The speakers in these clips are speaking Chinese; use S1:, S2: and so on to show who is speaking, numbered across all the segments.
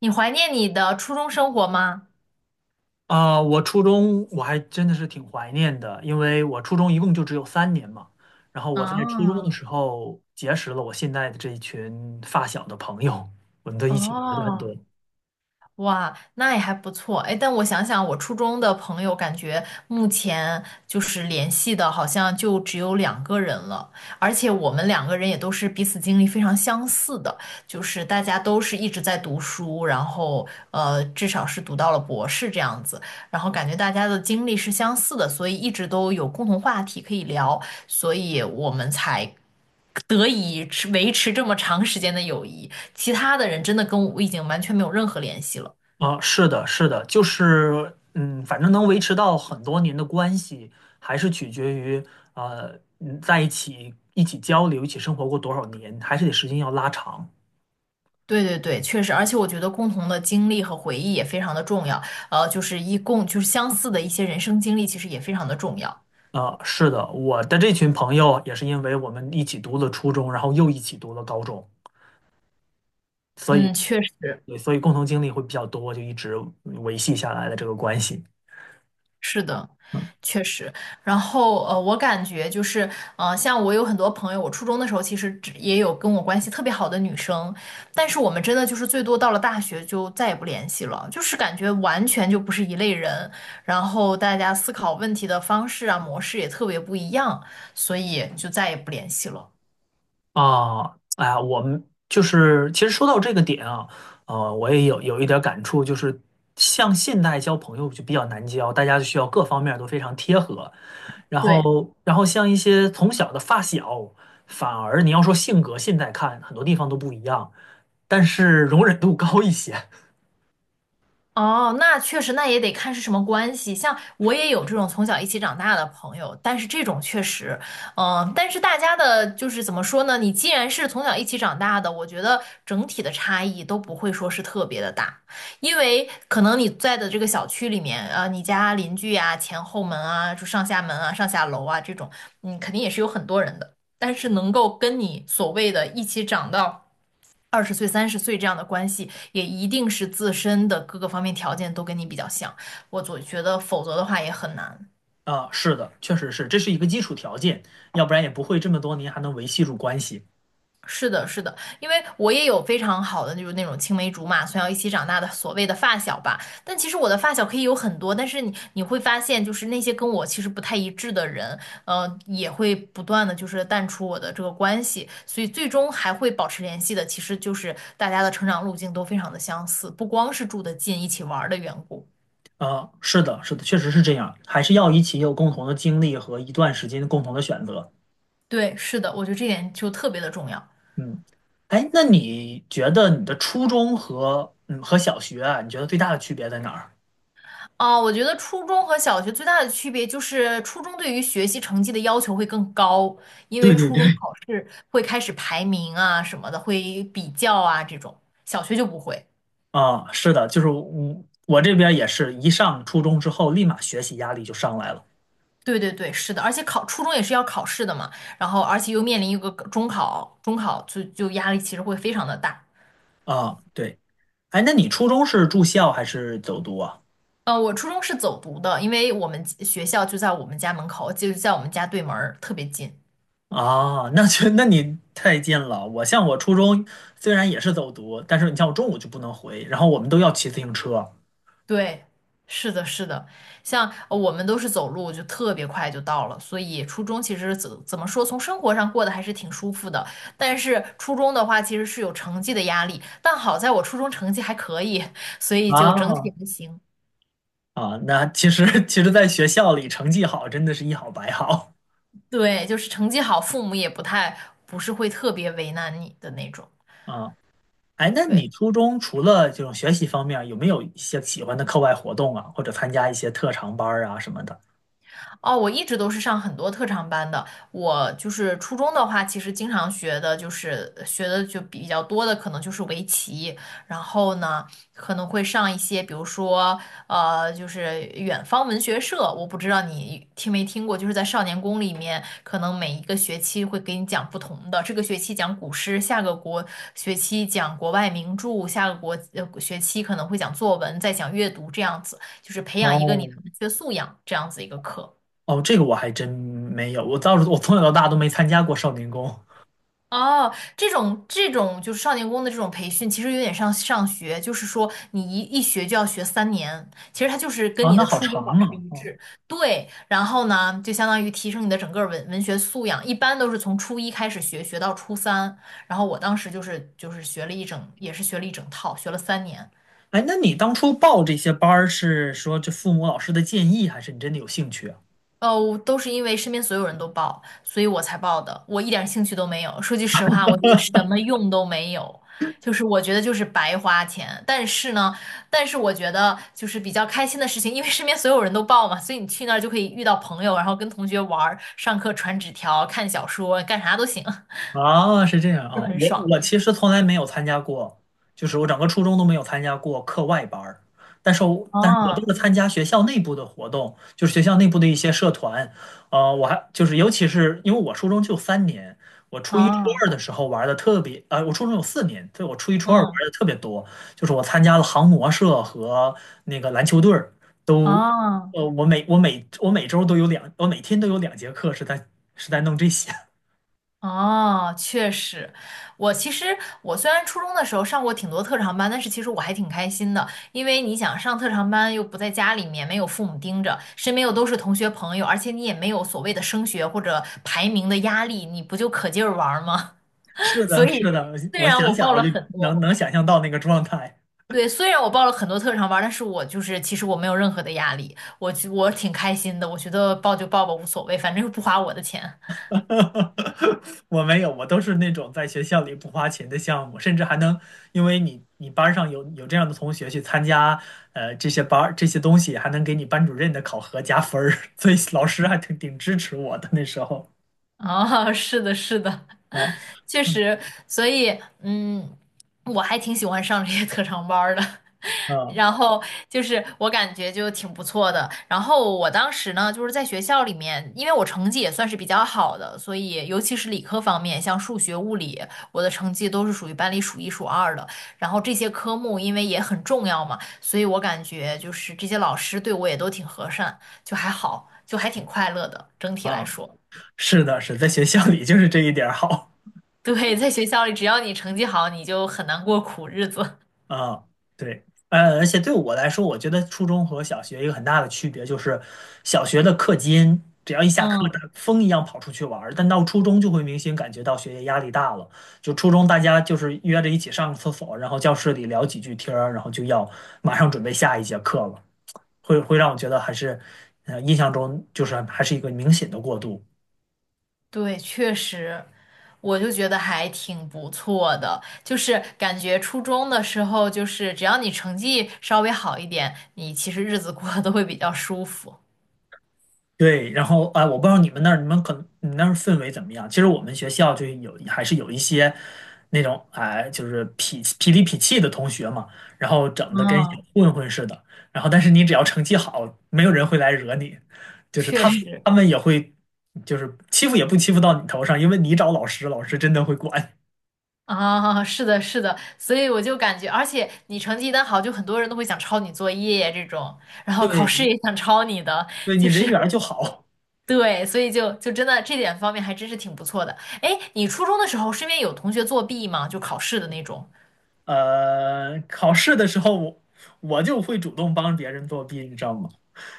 S1: 你怀念你的初中生活吗？
S2: 啊，我初中我还真的是挺怀念的，因为我初中一共就只有三年嘛。然后我在初中的
S1: 啊，
S2: 时候结识了我现在的这一群发小的朋友，我们都一起玩的很多。
S1: 哦，哇，那也还不错。哎，但我想想，我初中的朋友，感觉目前就是联系的，好像就只有两个人了。而且我们两个人也都是彼此经历非常相似的，就是大家都是一直在读书，然后至少是读到了博士这样子。然后感觉大家的经历是相似的，所以一直都有共同话题可以聊，所以我们才得以维持这么长时间的友谊，其他的人真的跟我已经完全没有任何联系了。
S2: 啊，是的，是的，就是反正能维持到很多年的关系，还是取决于在一起交流、一起生活过多少年，还是得时间要拉长。
S1: 对对对，确实，而且我觉得共同的经历和回忆也非常的重要，就是一共就是相似的一些人生经历，其实也非常的重要。
S2: 啊，是的，我的这群朋友也是因为我们一起读了初中，然后又一起读了高中。所以。
S1: 嗯，确实，
S2: 对，所以共同经历会比较多，就一直维系下来的这个关系
S1: 是的，确实。然后我感觉就是，像我有很多朋友，我初中的时候其实只也有跟我关系特别好的女生，但是我们真的就是最多到了大学就再也不联系了，就是感觉完全就不是一类人，然后大家思考问题的方式啊、模式也特别不一样，所以就再也不联系了。
S2: 啊。哎呀，我们就是其实说到这个点啊，我也有一点感触，就是像现代交朋友就比较难交，大家需要各方面都非常贴合，然
S1: 对，
S2: 后然后像一些从小的发小，反而你要说性格，现在看很多地方都不一样，但是容忍度高一些。
S1: 哦，那确实，那也得看是什么关系。像我也有这种从小一起长大的朋友，但是这种确实，嗯，但是大家的就是怎么说呢？你既然是从小一起长大的，我觉得整体的差异都不会说是特别的大，因为可能你在的这个小区里面，你家邻居啊、前后门啊、就上下门啊、上下楼啊这种，嗯，肯定也是有很多人的，但是能够跟你所谓的一起长到。20岁、30岁这样的关系，也一定是自身的各个方面条件都跟你比较像。我总觉得，否则的话也很难。
S2: 啊，是的，确实是，这是一个基础条件，要不然也不会这么多年还能维系住关系。
S1: 是的，是的，因为我也有非常好的，就是那种青梅竹马，从小一起长大的所谓的发小吧。但其实我的发小可以有很多，但是你会发现，就是那些跟我其实不太一致的人，也会不断的就是淡出我的这个关系。所以最终还会保持联系的，其实就是大家的成长路径都非常的相似，不光是住得近，一起玩儿的缘故。
S2: 啊，是的，是的，确实是这样，还是要一起有共同的经历和一段时间共同的选择。
S1: 对，是的，我觉得这点就特别的重要。
S2: 嗯，哎，那你觉得你的初中和小学啊，你觉得最大的区别在哪儿？
S1: 啊，我觉得初中和小学最大的区别就是初中对于学习成绩的要求会更高，因
S2: 对
S1: 为
S2: 对
S1: 初
S2: 对，
S1: 中考试会开始排名啊什么的，会比较啊这种，小学就不会。
S2: 啊，是的，就是我这边也是一上初中之后，立马学习压力就上来了
S1: 对对对，是的，而且考初中也是要考试的嘛，然后而且又面临一个中考，中考就压力其实会非常的大。
S2: 啊。对，哎，那你初中是住校还是走读啊？
S1: 我初中是走读的，因为我们学校就在我们家门口，就在我们家对门儿特别近。
S2: 啊，那你太近了。我像我初中虽然也是走读，但是你像我中午就不能回，然后我们都要骑自行车。
S1: 对，是的，是的，像我们都是走路，就特别快就到了，所以初中其实怎么说，从生活上过得还是挺舒服的。但是初中的话，其实是有成绩的压力，但好在我初中成绩还可以，所以就整体
S2: 啊
S1: 还行。
S2: 啊，那其实，在学校里成绩好真的是一好百好
S1: 对，就是成绩好，父母也不太不是会特别为难你的那种。
S2: 啊。哎，那你
S1: 对。
S2: 初中除了这种学习方面儿有没有一些喜欢的课外活动啊，或者参加一些特长班儿啊什么的？
S1: 哦，我一直都是上很多特长班的。我就是初中的话，其实经常学的就比较多的，可能就是围棋。然后呢，可能会上一些，比如说就是远方文学社。我不知道你听没听过，就是在少年宫里面，可能每一个学期会给你讲不同的。这个学期讲古诗，下个学期讲国外名著，下个学期可能会讲作文，再讲阅读，这样子，就是培养一个你
S2: 哦
S1: 的文学素养这样子一个课。
S2: 哦，这个我还真没有，我倒是从小到大都没参加过少年宫。
S1: 哦，这种就是少年宫的这种培训，其实有点像上学，就是说你一学就要学三年，其实它就是跟
S2: 啊。
S1: 你
S2: 那
S1: 的
S2: 好
S1: 初中
S2: 长
S1: 保持
S2: 啊。
S1: 一
S2: 哦，
S1: 致。对，然后呢，就相当于提升你的整个文学素养，一般都是从初一开始学，学到初三。然后我当时就是学了一整，也是学了一整套，学了三年。
S2: 哎，那你当初报这些班儿是说这父母老师的建议，还是你真的有兴趣啊？
S1: 哦，都是因为身边所有人都报，所以我才报的。我一点兴趣都没有。说句实话，我觉得什么用都没有，就是我觉得就是白花钱。但是呢，但是我觉得就是比较开心的事情，因为身边所有人都报嘛，所以你去那儿就可以遇到朋友，然后跟同学玩儿、上课传纸条、看小说、干啥都行，
S2: 啊，是这样
S1: 就
S2: 啊，
S1: 很
S2: 我
S1: 爽。
S2: 我其实从来没有参加过，就是我整个初中都没有参加过课外班儿，但是我都
S1: 哦，
S2: 是参加学校内部的活动，就是学校内部的一些社团，我还就是尤其是因为我初中就三年，我初一初
S1: 哦，
S2: 二的时候玩的特别，我初中有4年，对，我初一初二玩
S1: 嗯，
S2: 的特别多，就是我参加了航模社和那个篮球队儿，都，
S1: 哦。
S2: 我每周都有两，我每天都有2节课是在弄这些。
S1: 哦，确实，我其实我虽然初中的时候上过挺多特长班，但是其实我还挺开心的，因为你想上特长班又不在家里面，没有父母盯着，身边又都是同学朋友，而且你也没有所谓的升学或者排名的压力，你不就可劲儿玩儿吗？
S2: 是
S1: 所
S2: 的，
S1: 以
S2: 是的，
S1: 虽
S2: 我
S1: 然
S2: 想
S1: 我
S2: 想
S1: 报
S2: 我
S1: 了
S2: 就
S1: 很
S2: 能
S1: 多，
S2: 能想象到那个状态。
S1: 对，虽然我报了很多特长班，但是我就是其实我没有任何的压力，我挺开心的，我觉得报就报吧，无所谓，反正又不花我的钱。
S2: 我没有，我都是那种在学校里不花钱的项目，甚至还能因为你班儿上有这样的同学去参加，这些班儿这些东西，还能给你班主任的考核加分儿，所以老师还挺支持我的那时候。
S1: 哦，是的，是的，
S2: 啊，
S1: 确
S2: 嗯
S1: 实，所以，嗯，我还挺喜欢上这些特长班儿的，
S2: 啊
S1: 然后就是我感觉就挺不错的。然后我当时呢，就是在学校里面，因为我成绩也算是比较好的，所以尤其是理科方面，像数学、物理，我的成绩都是属于班里数一数二的。然后这些科目因为也很重要嘛，所以我感觉就是这些老师对我也都挺和善，就还好，就还挺快乐的，整体来
S2: 啊，
S1: 说。
S2: 是的，是在学校里就是这一点儿好。
S1: 对，在学校里，只要你成绩好，你就很难过苦日子。
S2: 啊，对，而且对我来说，我觉得初中和小学一个很大的区别就是，小学的课间只要一下课，大
S1: 嗯，
S2: 风一样跑出去玩儿但到初中就会明显感觉到学业压力大了。就初中大家就是约着一起上个厕所，然后教室里聊几句天儿然后就要马上准备下一节课了，会让我觉得还是，印象中就是还是一个明显的过渡。
S1: 对，确实，我就觉得还挺不错的。就是感觉初中的时候，就是只要你成绩稍微好一点，你其实日子过得都会比较舒服。
S2: 对，然后啊，我不知道你们那儿，你们那儿氛围怎么样？其实我们学校还是有一些那种哎，就是痞痞里痞气的同学嘛，然后整的跟小
S1: 嗯，
S2: 混混似的。然后，但是你只要成绩好，没有人会来惹你，就是
S1: 确
S2: 他们
S1: 实
S2: 他们也会就是欺负也不欺负到你头上，因为你找老师，老师真的会管。
S1: 啊，是的，是的，所以我就感觉，而且你成绩一旦好，就很多人都会想抄你作业这种，然后考
S2: 对，
S1: 试
S2: 你
S1: 也想抄你的，
S2: 对你
S1: 就是
S2: 人缘儿就好。
S1: 对，所以就真的这点方面还真是挺不错的。哎，你初中的时候身边有同学作弊吗？就考试的那种？
S2: 考试的时候我就会主动帮别人作弊，你知道吗？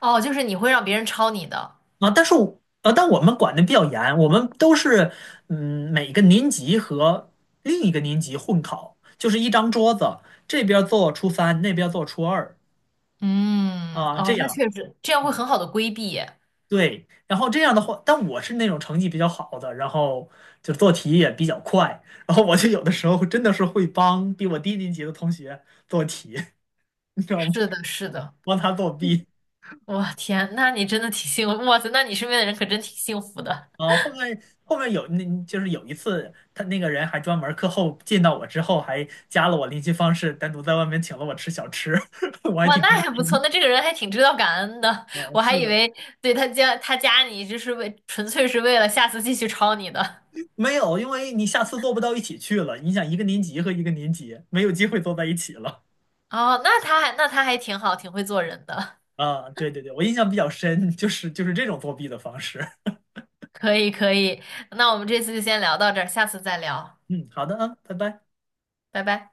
S1: 哦，就是你会让别人抄你的。
S2: 啊，但我们管的比较严，我们都是每个年级和另一个年级混考，就是一张桌子，这边做初三，那边做初二
S1: 嗯，
S2: 啊，这
S1: 哦，那
S2: 样
S1: 确实，这样会很好的规避耶
S2: 对。然后这样的话，但我是那种成绩比较好的，然后就做题也比较快，然后我就有的时候真的是会帮比我低年级的同学做题，你知道吗？
S1: 是的，是的。
S2: 帮他作弊。
S1: 哇，天，那你真的挺幸福。哇塞，那你身边的人可真挺幸福的。
S2: 啊，后面就是有一次，他那个人还专门课后见到我之后，还加了我联系方式，单独在外面请了我吃小吃，我还
S1: 哇，
S2: 挺开
S1: 那还不
S2: 心
S1: 错，那这个人还挺知道感恩的。
S2: 的。
S1: 我还
S2: 是
S1: 以
S2: 的，
S1: 为对他加你，就是纯粹是为了下次继续抄你的。
S2: 没有，因为你下次做不到一起去了。你想一个年级和一个年级没有机会坐在一起了
S1: 哦，那他还挺好，挺会做人的。
S2: 啊！对对对，我印象比较深，就是这种作弊的方式。
S1: 可以可以，那我们这次就先聊到这儿，下次再聊，
S2: 嗯，好的啊，拜拜。
S1: 拜拜。